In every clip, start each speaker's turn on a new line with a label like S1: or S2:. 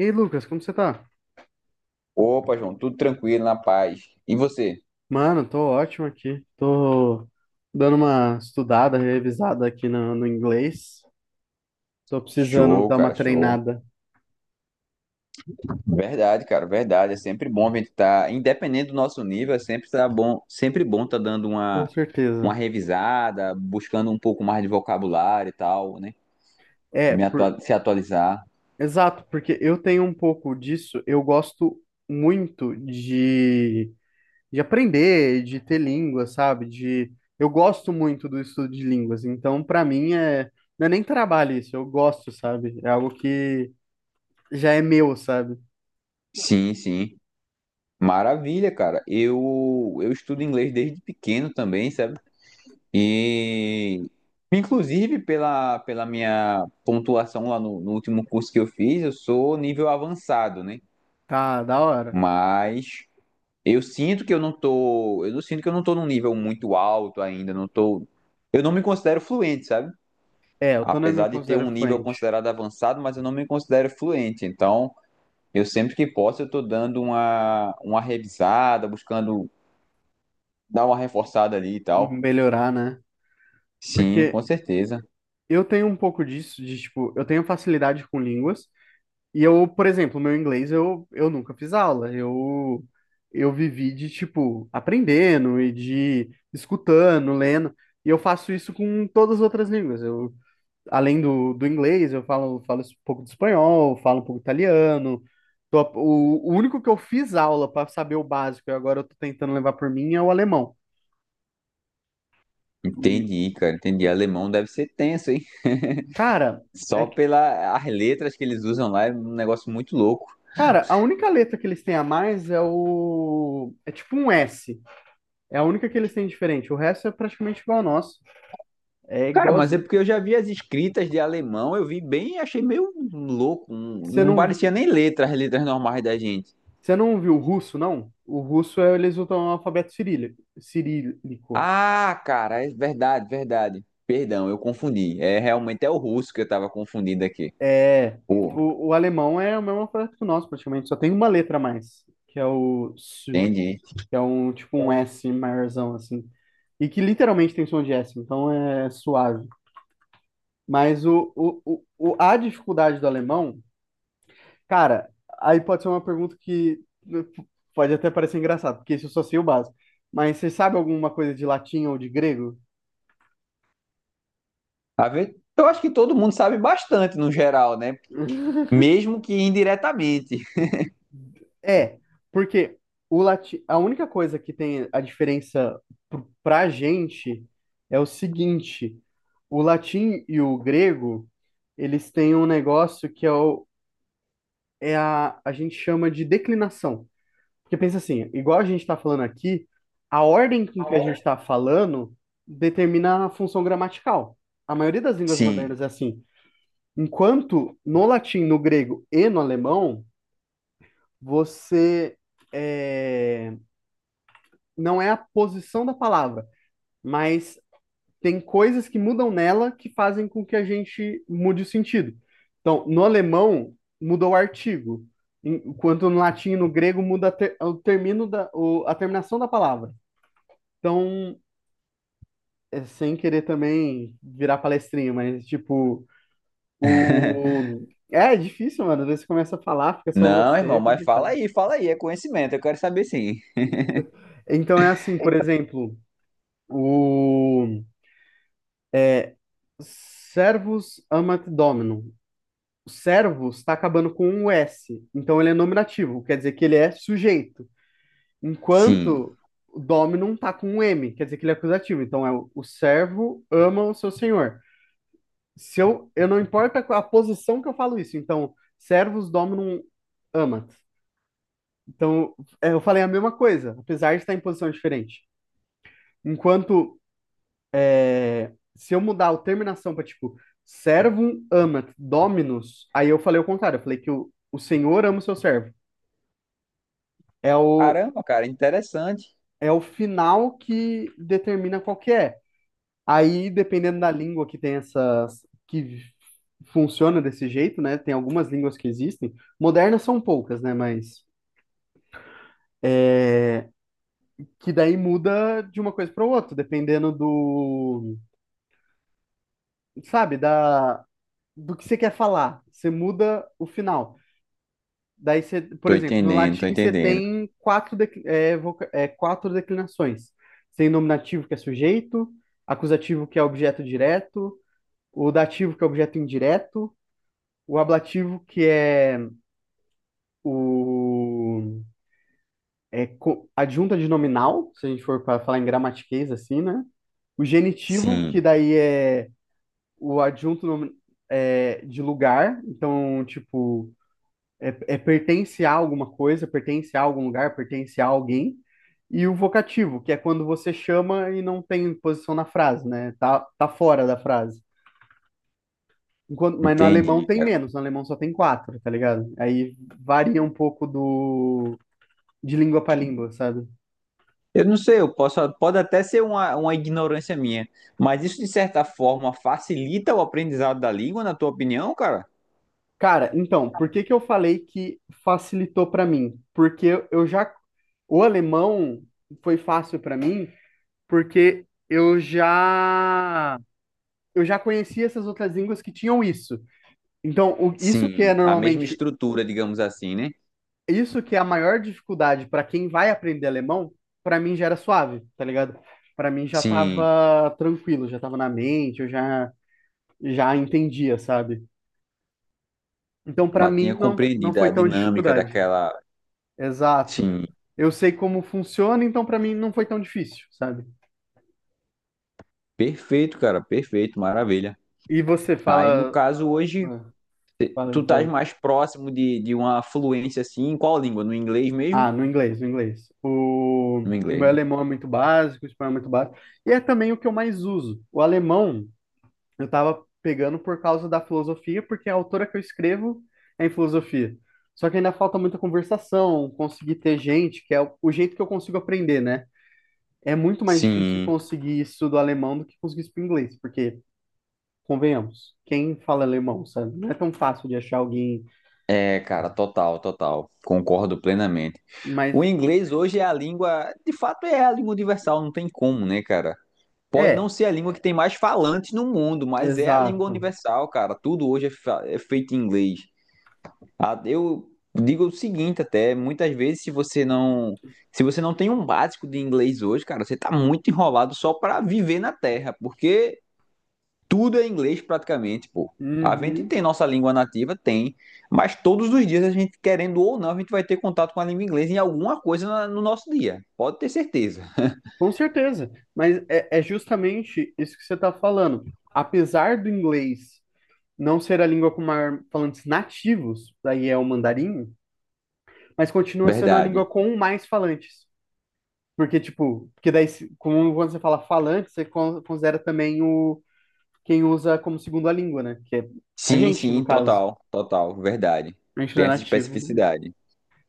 S1: E aí, Lucas, como você tá?
S2: Opa, João, tudo tranquilo, na paz. E você?
S1: Mano, tô ótimo aqui. Tô dando uma estudada, revisada aqui no inglês. Tô precisando
S2: Show,
S1: dar uma
S2: cara, show.
S1: treinada.
S2: Verdade, cara, verdade. É sempre bom a gente estar, independente do nosso nível, é sempre tá bom, sempre bom tá dando
S1: Com
S2: uma,
S1: certeza.
S2: uma revisada, buscando um pouco mais de vocabulário e tal, né?
S1: É,
S2: Me
S1: por...
S2: atua- se atualizar.
S1: exato, porque eu tenho um pouco disso. Eu gosto muito de aprender, de ter língua, sabe? De... Eu gosto muito do estudo de línguas. Então, pra mim, não é nem trabalho isso. Eu gosto, sabe? É algo que já é meu, sabe?
S2: Sim, sim. Maravilha, cara. Eu estudo inglês desde pequeno também, sabe? E inclusive pela minha pontuação lá no último curso que eu fiz, eu sou nível avançado, né?
S1: Tá, da hora.
S2: Mas eu sinto que eu não tô, eu não sinto que eu não tô num nível muito alto ainda, não tô, eu não me considero fluente, sabe?
S1: É, eu também me
S2: Apesar de ter um
S1: considero
S2: nível
S1: fluente
S2: considerado avançado, mas eu não me considero fluente. Então, eu sempre que posso, eu tô dando uma revisada, buscando dar uma reforçada ali e
S1: em
S2: tal.
S1: melhorar, né?
S2: Sim, com
S1: Porque
S2: certeza.
S1: eu tenho um pouco disso, de tipo, eu tenho facilidade com línguas, e eu, por exemplo, meu inglês eu nunca fiz aula, eu vivi de, tipo, aprendendo e de escutando, lendo, e eu faço isso com todas as outras línguas. Eu, além do inglês, eu falo, falo um pouco de espanhol, falo um pouco de italiano. O único que eu fiz aula para saber o básico e agora eu tô tentando levar por mim é o alemão.
S2: Entendi, cara, entendi. Alemão deve ser tenso, hein?
S1: Cara, é
S2: Só
S1: que,
S2: pelas letras que eles usam lá é um negócio muito louco.
S1: cara, a única letra que eles têm a mais é o. É tipo um S. É a única que eles têm diferente. O resto é praticamente igual ao nosso. É
S2: Cara, mas é
S1: igualzinho.
S2: porque eu já vi as escritas de alemão, eu vi bem e achei meio louco.
S1: Você
S2: Não
S1: não,
S2: parecia nem letras, letras normais da gente.
S1: você não viu o russo, não? O russo é, eles usam o alfabeto cirílico.
S2: Ah, cara, é verdade, verdade. Perdão, eu confundi. É realmente é o russo que eu tava confundindo aqui.
S1: É.
S2: Pô,
S1: O alemão é o mesmo alfabeto que o nosso, praticamente. Só tem uma letra a mais, que é o S,
S2: entendi.
S1: que é um tipo um S maiorzão, assim. E que literalmente tem som de S, então é suave. Mas a dificuldade do alemão, cara, aí pode ser uma pergunta que né, pode até parecer engraçado, porque isso eu só sei o básico. Mas você sabe alguma coisa de latim ou de grego?
S2: A ver, eu acho que todo mundo sabe bastante no geral, né? Mesmo que indiretamente.
S1: É, porque o latim, a única coisa que tem a diferença pra gente é o seguinte: o latim e o grego, eles têm um negócio que é a gente chama de declinação. Porque pensa assim, igual a gente está falando aqui, a ordem com que a gente está falando determina a função gramatical. A maioria das línguas
S2: Sim.
S1: modernas é assim. Enquanto no latim, no grego e no alemão, você é, não é a posição da palavra, mas tem coisas que mudam nela que fazem com que a gente mude o sentido. Então, no alemão, mudou o artigo, enquanto no latim e no grego muda a o termino a terminação da palavra. Então, é, sem querer também virar palestrinha, mas tipo, o. É, é difícil, mano. Às vezes você começa a falar, fica só
S2: Não,
S1: você,
S2: irmão,
S1: é
S2: mas
S1: complicado.
S2: fala aí, é conhecimento, eu quero saber sim.
S1: Então é assim, por exemplo, o servus amat dominum. O servus está acabando com um S, então ele é nominativo, quer dizer que ele é sujeito.
S2: Sim.
S1: Enquanto o dominum tá com um M, quer dizer que ele é acusativo. Então é o servo ama o seu senhor. Se eu, eu não importa a posição que eu falo isso. Então, servus dominum amat. Então, é, eu falei a mesma coisa, apesar de estar em posição diferente. Enquanto é, se eu mudar a terminação para tipo servum amat dominus, aí eu falei o contrário, eu falei que o Senhor ama o seu servo. É o,
S2: Caramba, cara, interessante.
S1: é o final que determina qual que é. Aí, dependendo da língua que tem essas, que funciona desse jeito, né? Tem algumas línguas que existem, modernas são poucas, né? Mas que daí muda de uma coisa para outra, dependendo do, sabe, da do que você quer falar. Você muda o final. Daí você, por
S2: Tô
S1: exemplo, no
S2: entendendo, tô
S1: latim você
S2: entendendo.
S1: tem quatro declinações. Você tem nominativo que é sujeito, acusativo que é objeto direto, o dativo que é objeto indireto, o ablativo que é o adjunta de nominal, se a gente for para falar em gramatiquês assim, né? O genitivo, que
S2: Sim,
S1: daí é o de lugar, então, tipo, é pertence a alguma coisa, pertence a algum lugar, pertence a alguém. E o vocativo, que é quando você chama e não tem posição na frase, né? Tá fora da frase. Enquanto, mas no alemão
S2: entendi,
S1: tem
S2: cara.
S1: menos, no alemão só tem quatro, tá ligado? Aí varia um pouco do de língua para língua, sabe?
S2: Eu não sei, eu posso, pode até ser uma ignorância minha, mas isso de certa forma facilita o aprendizado da língua, na tua opinião, cara?
S1: Cara, então, por que que eu falei que facilitou pra mim? Porque eu já o alemão foi fácil pra mim, porque eu já conhecia essas outras línguas que tinham isso. Então, isso que é
S2: Sim, a mesma
S1: normalmente,
S2: estrutura, digamos assim, né?
S1: isso que é a maior dificuldade pra quem vai aprender alemão, pra mim já era suave, tá ligado? Pra mim já
S2: Sim,
S1: tava tranquilo, já tava na mente, eu já já entendia, sabe? Então, pra
S2: mas tinha
S1: mim não
S2: compreendido
S1: foi
S2: a
S1: tão
S2: dinâmica
S1: dificuldade.
S2: daquela.
S1: Exato.
S2: Sim,
S1: Eu sei como funciona, então pra mim não foi tão difícil, sabe?
S2: perfeito, cara, perfeito, maravilha.
S1: E você
S2: Aí, no
S1: fala.
S2: caso, hoje,
S1: Ah, Fala
S2: tu
S1: aí, fala
S2: estás
S1: aí.
S2: mais próximo de uma fluência assim, em qual língua? No inglês mesmo?
S1: Ah, no inglês, no inglês. O,
S2: No
S1: o
S2: inglês,
S1: meu
S2: né?
S1: alemão é muito básico, o espanhol é muito básico. E é também o que eu mais uso. O alemão eu tava pegando por causa da filosofia, porque a autora que eu escrevo é em filosofia. Só que ainda falta muita conversação, conseguir ter gente, que é o jeito que eu consigo aprender, né? É muito mais difícil
S2: Sim.
S1: conseguir isso do alemão do que conseguir isso pro inglês, porque convenhamos, quem fala alemão, sabe? Não é tão fácil de achar alguém,
S2: É, cara, total, total. Concordo plenamente. O
S1: mas
S2: inglês hoje é a língua, de fato é a língua universal, não tem como, né, cara? Pode
S1: é,
S2: não ser a língua que tem mais falantes no mundo, mas é a língua
S1: exato.
S2: universal, cara. Tudo hoje é, fa- é feito em inglês. Ah, eu digo o seguinte até, muitas vezes se você não, se você não tem um básico de inglês hoje, cara, você tá muito enrolado só pra viver na Terra, porque tudo é inglês praticamente, pô. A gente
S1: Uhum,
S2: tem nossa língua nativa, tem, mas todos os dias a gente, querendo ou não, a gente vai ter contato com a língua inglesa em alguma coisa na- no nosso dia. Pode ter certeza.
S1: com certeza, mas é, é justamente isso que você está falando. Apesar do inglês não ser a língua com maior falantes nativos, daí é o mandarim, mas continua sendo a língua
S2: Verdade.
S1: com mais falantes. Porque, tipo, porque daí, como quando você fala falante, você considera também o quem usa como segunda língua, né? Que é a
S2: Sim,
S1: gente, no
S2: sim,
S1: caso.
S2: total, total, verdade.
S1: A gente não é
S2: Tem essa
S1: nativo,
S2: especificidade.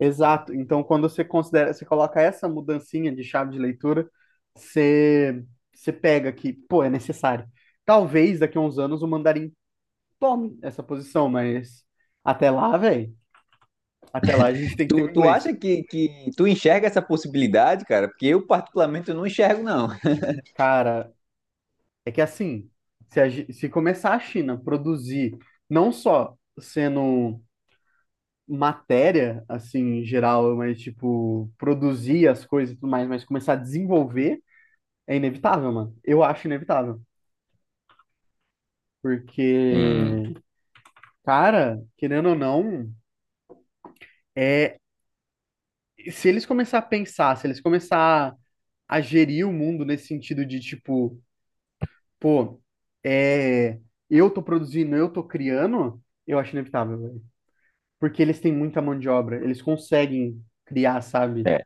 S1: exato. Então, quando você considera, você coloca essa mudancinha de chave de leitura, você, você pega que, pô, é necessário. Talvez daqui a uns anos o mandarim tome essa posição, mas até lá, velho, até lá a gente tem que ter
S2: Tu,
S1: o
S2: tu
S1: inglês.
S2: acha que tu enxerga essa possibilidade, cara? Porque eu, particularmente, eu não enxergo, não.
S1: Cara, é que assim, se, se começar a China produzir, não só sendo matéria, assim, em geral, mas tipo, produzir as coisas e tudo mais, mas começar a desenvolver, é inevitável, mano. Eu acho inevitável.
S2: Sim,
S1: Porque, cara, querendo ou não, é, se eles começar a pensar, se eles começar a gerir o mundo nesse sentido de tipo, pô, é, eu tô produzindo, eu tô criando, eu acho inevitável, velho. Porque eles têm muita mão de obra, eles conseguem criar, sabe?
S2: é.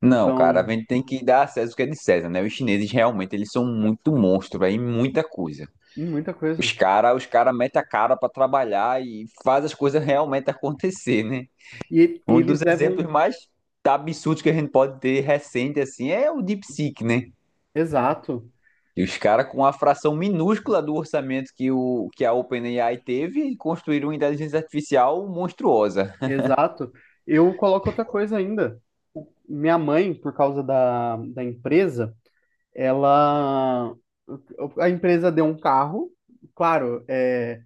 S2: Não, cara, a
S1: Então,
S2: gente tem que dar a César o que é de César, né? Os chineses realmente, eles são muito monstro, velho, em muita coisa.
S1: muita
S2: Os
S1: coisa.
S2: caras, os cara metem a cara pra trabalhar e faz as coisas realmente acontecer, né?
S1: E
S2: Um dos
S1: eles levam.
S2: exemplos mais absurdos que a gente pode ter recente assim é o DeepSeek, né?
S1: Exato,
S2: E os caras com a fração minúscula do orçamento que, o, que a OpenAI teve construíram uma inteligência artificial monstruosa.
S1: exato. Eu coloco outra coisa ainda. Minha mãe, por causa da empresa, ela a empresa deu um carro, claro,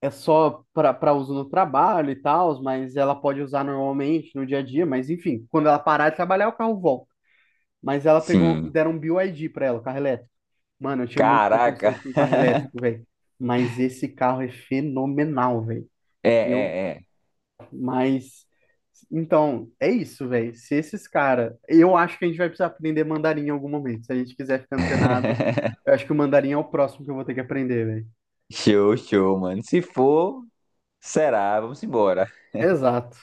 S1: é só para uso no trabalho e tal, mas ela pode usar normalmente no dia a dia, mas enfim, quando ela parar de trabalhar, o carro volta. Mas ela pegou,
S2: Sim.
S1: deram um BYD para ela, o carro elétrico. Mano, eu tinha muito
S2: Caraca.
S1: preconceito com carro elétrico, velho. Mas esse carro é fenomenal, velho.
S2: É,
S1: Eu
S2: é,
S1: mas, então, é isso, velho. Se esses caras. Eu acho que a gente vai precisar aprender mandarim em algum momento. Se a gente quiser ficar antenado,
S2: é.
S1: eu acho que o mandarim é o próximo que eu vou ter que aprender, velho.
S2: Show, show, mano. Se for, será. Vamos embora.
S1: Exato.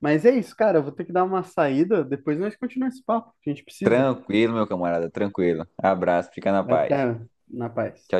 S1: Mas é isso, cara. Eu vou ter que dar uma saída. Depois nós continuamos esse papo. Que A gente precisa.
S2: Tranquilo, meu camarada, tranquilo. Abraço, fica na paz.
S1: Até na paz.